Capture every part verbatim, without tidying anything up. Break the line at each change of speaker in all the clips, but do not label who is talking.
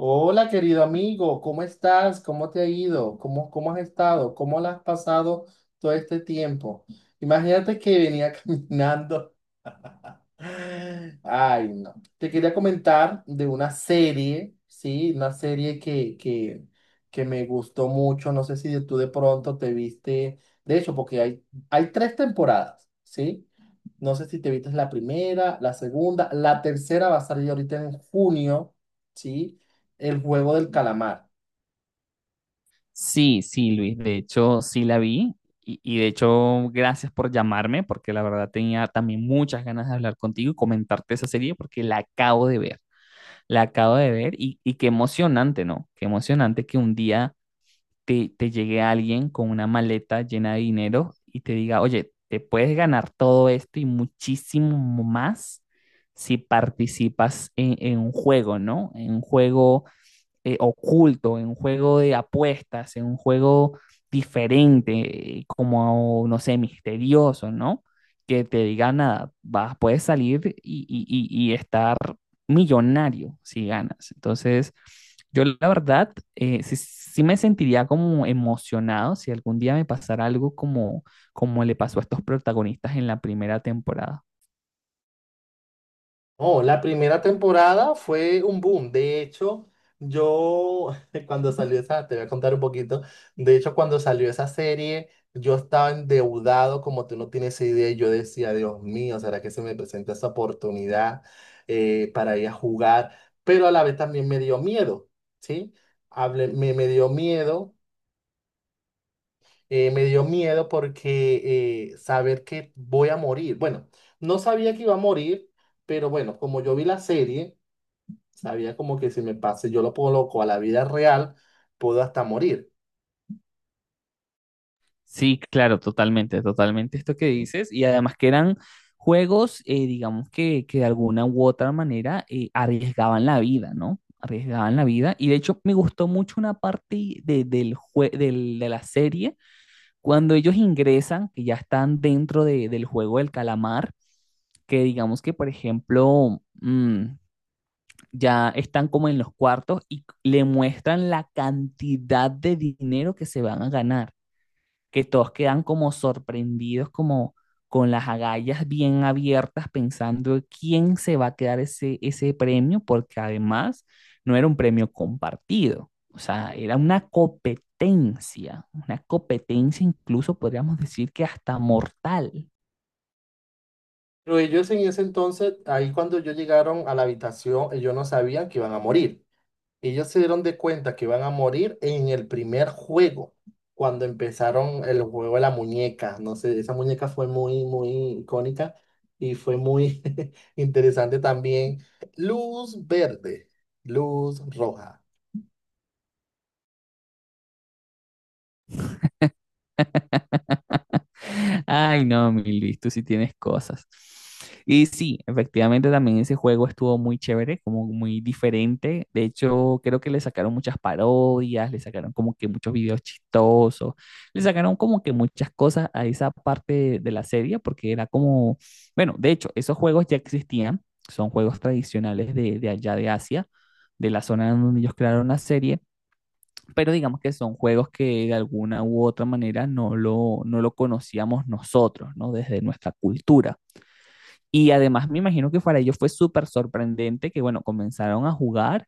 Hola, querido amigo, ¿cómo estás? ¿Cómo te ha ido? ¿Cómo, cómo has estado? ¿Cómo la has pasado todo este tiempo? Imagínate que venía caminando. Ay, no. Te quería comentar de una serie, ¿sí? Una serie que, que, que me gustó mucho. No sé si tú de pronto te viste. De hecho, porque hay, hay tres temporadas, ¿sí? No sé si te viste la primera, la segunda, la tercera va a salir ahorita en junio, ¿sí? El juego del calamar.
Sí, sí, Luis, de hecho sí la vi y, y de hecho gracias por llamarme porque la verdad tenía también muchas ganas de hablar contigo y comentarte esa serie porque la acabo de ver, la acabo de ver y, y qué emocionante, ¿no? Qué emocionante que un día te, te llegue alguien con una maleta llena de dinero y te diga, oye, te puedes ganar todo esto y muchísimo más si participas en, en un juego, ¿no? En un juego eh, oculto, en un juego de apuestas, en un juego diferente, eh, como, no sé, misterioso, ¿no? Que te diga nada, vas, puedes salir y, y- y- y estar millonario si ganas. Entonces, yo la verdad, eh, sí, sí me sentiría como emocionado si algún día me pasara algo como, como le pasó a estos protagonistas en la primera temporada.
Oh, la primera temporada fue un boom. De hecho, yo cuando salió esa, te voy a contar un poquito. De hecho, cuando salió esa serie, yo estaba endeudado como tú no tienes idea. y Yo decía, Dios mío, ¿será que se me presenta esa oportunidad eh, para ir a jugar? Pero a la vez también me dio miedo, ¿sí? Hablé- me, me dio miedo eh, me dio miedo porque eh, saber que voy a morir. Bueno, no sabía que iba a morir, pero bueno, como yo vi la serie, sabía como que si me pase, yo lo coloco a la vida real, puedo hasta morir.
Sí, claro, totalmente, totalmente esto que dices. Y además que eran juegos, eh, digamos que, que de alguna u otra manera eh, arriesgaban la vida, ¿no? Arriesgaban la vida. Y de hecho me gustó mucho una parte de, del jue- del- de la serie, cuando ellos ingresan, que ya están dentro de- del juego del calamar, que digamos que, por ejemplo, mm, ya están como en los cuartos y le muestran la cantidad de dinero que se van a ganar que todos quedan como sorprendidos, como con las agallas bien abiertas, pensando quién se va a quedar ese, ese premio, porque además no era un premio compartido, o sea, era una competencia, una competencia incluso podríamos decir que hasta mortal.
Pero ellos en ese entonces, ahí cuando yo llegaron a la habitación, ellos no sabían que iban a morir. Ellos se dieron de cuenta que iban a morir en el primer juego, cuando empezaron el juego de la muñeca. No sé, esa muñeca fue muy, muy icónica y fue muy interesante también. Luz verde, luz roja.
Ay, no, mi Luis, tú sí tienes cosas. Y sí, efectivamente también ese juego estuvo muy chévere, como muy diferente. De hecho, creo que le sacaron muchas parodias, le sacaron como que muchos videos chistosos, le sacaron como que muchas cosas a esa parte de, de la serie, porque era como, bueno, de hecho, esos juegos ya existían, son juegos tradicionales de, de allá de Asia, de la zona donde ellos crearon la serie pero digamos que son juegos que de alguna u otra manera no lo, no lo conocíamos nosotros, ¿no? Desde nuestra cultura. Y además me imagino que para ellos fue súper sorprendente que, bueno, comenzaron a jugar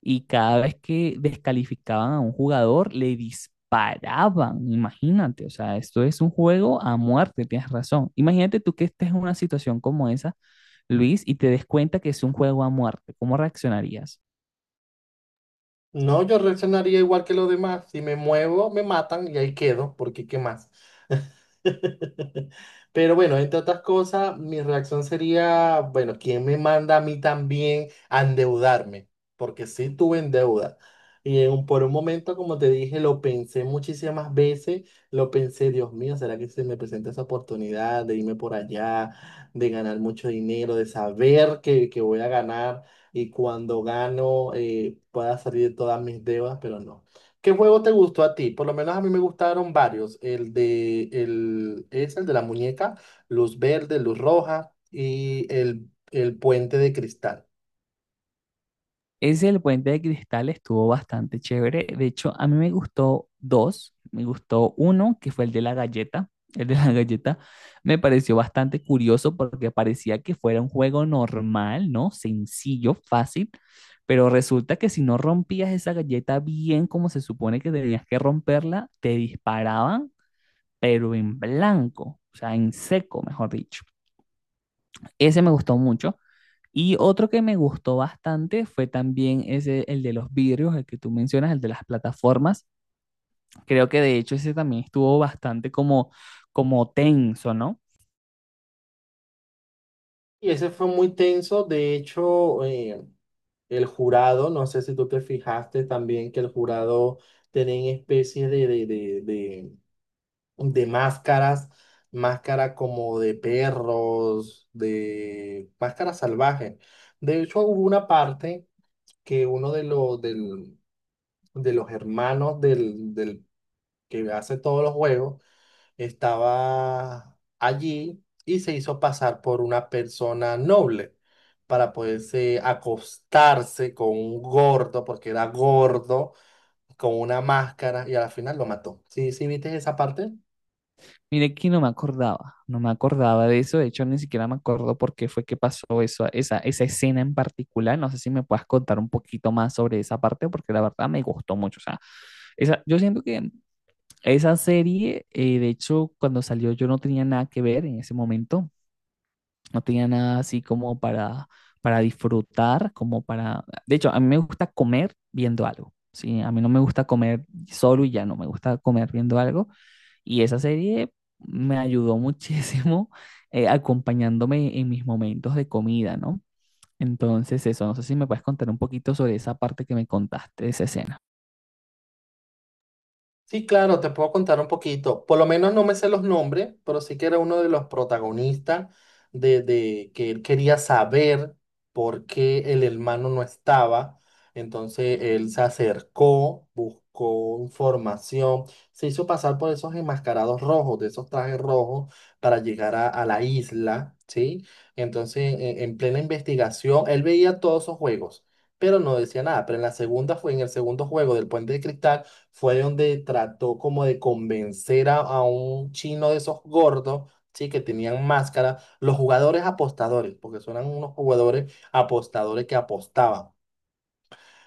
y cada vez que descalificaban a un jugador, le disparaban, imagínate, o sea, esto es un juego a muerte, tienes razón. Imagínate tú que estés en una situación como esa, Luis, y te des cuenta que es un juego a muerte, ¿cómo reaccionarías?
No, yo reaccionaría igual que los demás. Si me muevo, me matan y ahí quedo, porque ¿qué más? Pero bueno, entre otras cosas, mi reacción sería, bueno, ¿quién me manda a mí también a endeudarme? Porque sí tuve en deuda. Y en un- por un momento, como te dije, lo pensé muchísimas veces, lo pensé, Dios mío, ¿será que se me presenta esa oportunidad de irme por allá, de ganar mucho dinero, de saber que, que voy a ganar? Y cuando gano eh, pueda salir de todas mis deudas, pero no. ¿Qué juego te gustó a ti? Por lo menos a mí me gustaron varios. El de el es el de la muñeca, luz verde, luz roja y el, el puente de cristal.
Ese del puente de cristal estuvo bastante chévere. De hecho, a mí me gustó dos. Me gustó uno, que fue el de la galleta. El de la galleta me pareció bastante curioso porque parecía que fuera un juego normal, ¿no? Sencillo, fácil. Pero resulta que si no rompías esa galleta bien como se supone que tenías que romperla, te disparaban, pero en blanco, o sea, en seco, mejor dicho. Ese me gustó mucho. Y otro que me gustó bastante fue también ese, el de los vidrios, el que tú mencionas, el de las plataformas. Creo que de hecho ese también estuvo bastante como, como tenso, ¿no?
Y ese fue muy tenso. De hecho, eh, el jurado, no sé si tú te fijaste también que el jurado tenía especies de, de, de, de de máscaras, máscara como de perros, de máscaras salvajes. De hecho, hubo una parte que uno de los, del- de los hermanos del, del que hace todos los juegos estaba allí y se hizo pasar por una persona noble para poderse acostarse con un gordo, porque era gordo, con una máscara y al final lo mató. ¿Sí, sí viste esa parte?
Mire que no me acordaba, no me acordaba de eso, de hecho ni siquiera me acuerdo por qué fue que pasó eso, esa, esa escena en particular. No sé si me puedas contar un poquito más sobre esa parte, porque la verdad me gustó mucho. O sea, esa, yo siento que esa serie, eh, de hecho, cuando salió yo no tenía nada que ver en ese momento, no tenía nada así como para, para disfrutar, como para... De hecho, a mí me gusta comer viendo algo, ¿sí? A mí no me gusta comer solo y ya no, me gusta comer viendo algo. Y esa serie me ayudó muchísimo eh, acompañándome en mis momentos de comida, ¿no? Entonces, eso, no sé si me puedes contar un poquito sobre esa parte que me contaste de esa escena.
Sí, claro, te puedo contar un poquito. Por lo menos no me sé los nombres, pero sí que era uno de los protagonistas de, de que él quería saber por qué el hermano no estaba. Entonces él se acercó, buscó información, se hizo pasar por esos enmascarados rojos, de esos trajes rojos, para llegar a, a la isla, ¿sí? Entonces, en, en plena investigación, él veía todos esos juegos, pero no decía nada. Pero en la segunda fue, en el segundo juego del Puente de Cristal fue donde trató como de convencer a, a un chino de esos gordos, sí, que tenían máscara, los jugadores apostadores, porque son eran unos jugadores apostadores que apostaban.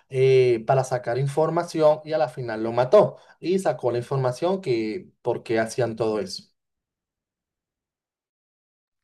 eh, Para sacar información y a la final lo mató y sacó la información que por qué hacían todo eso.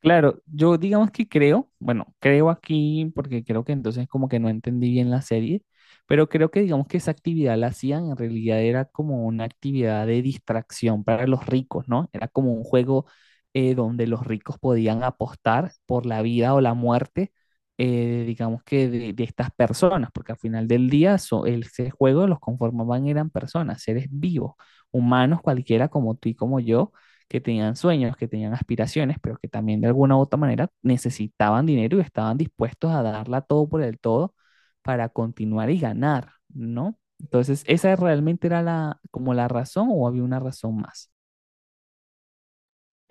Claro, yo digamos que creo, bueno, creo aquí porque creo que entonces como que no entendí bien la serie, pero creo que digamos que esa actividad la hacían, en realidad era como una actividad de distracción para los ricos, ¿no? Era como un juego eh, donde los ricos podían apostar por la vida o la muerte, eh, digamos que de, de estas personas, porque al final del día so- el- ese juego los conformaban eran personas, seres vivos, humanos cualquiera como tú y como yo que tenían sueños, que tenían aspiraciones, pero que también de alguna u otra manera necesitaban dinero y estaban dispuestos a darla todo por el todo para continuar y ganar, ¿no? Entonces, ¿esa realmente era la, como la razón o había una razón más?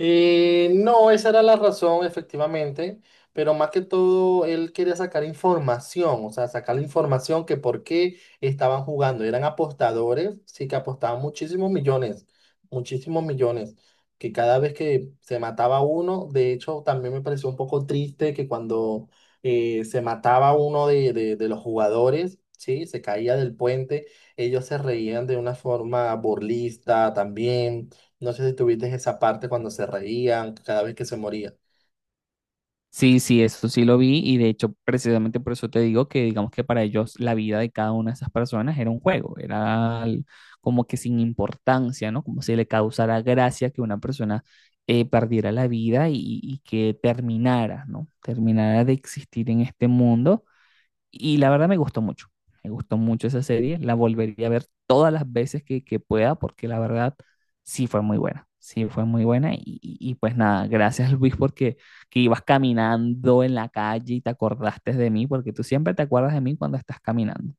Eh, no, esa era la razón, efectivamente, pero más que todo él quería sacar información, o sea, sacar la información que por qué estaban jugando. Eran apostadores, sí que apostaban muchísimos millones, muchísimos millones, que cada vez que se mataba uno, de hecho, también me pareció un poco triste que cuando eh, se mataba uno de, de de los jugadores, sí, se caía del puente, ellos se reían de una forma burlista también. No sé si tuviste esa parte cuando se reían cada vez que se moría.
Sí, sí, eso sí lo vi y de hecho precisamente por eso te digo que digamos que para ellos la vida de cada una de esas personas era un juego, era al- como que sin importancia, ¿no? Como si le causara gracia que una persona eh, perdiera la vida y, y que terminara, ¿no? Terminara de existir en este mundo y la verdad me gustó mucho, me gustó mucho esa serie, la volvería a ver todas las veces que, que pueda porque la verdad sí fue muy buena, sí fue muy buena y, y- y pues nada, gracias Luis porque que ibas caminando en la calle y te acordaste de mí porque tú siempre te acuerdas de mí cuando estás caminando.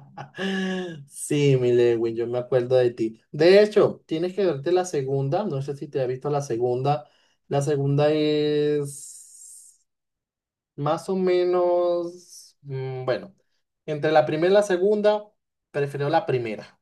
Sí, mi Lewin, yo me acuerdo de ti. De hecho, tienes que verte la segunda. No sé si te has visto la segunda. La segunda es más o menos, mm, bueno, entre la primera y la segunda, prefiero la primera,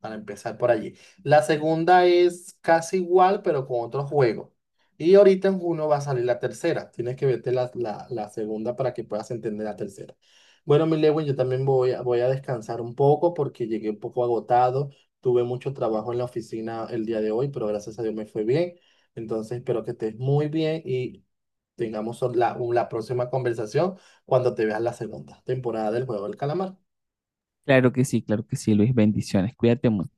para empezar por allí. La segunda es casi igual, pero con otro juego. Y ahorita en junio va a salir la tercera. Tienes que verte la, la- la segunda para que puedas entender la tercera. Bueno, mi Lewin, yo también voy a, voy a descansar un poco porque llegué un poco agotado. Tuve mucho trabajo en la oficina el día de hoy, pero gracias a Dios me fue bien. Entonces espero que estés muy bien y tengamos la, la próxima conversación cuando te veas la segunda temporada del Juego del Calamar.
Claro que sí, claro que sí Luis, bendiciones, cuídate mucho.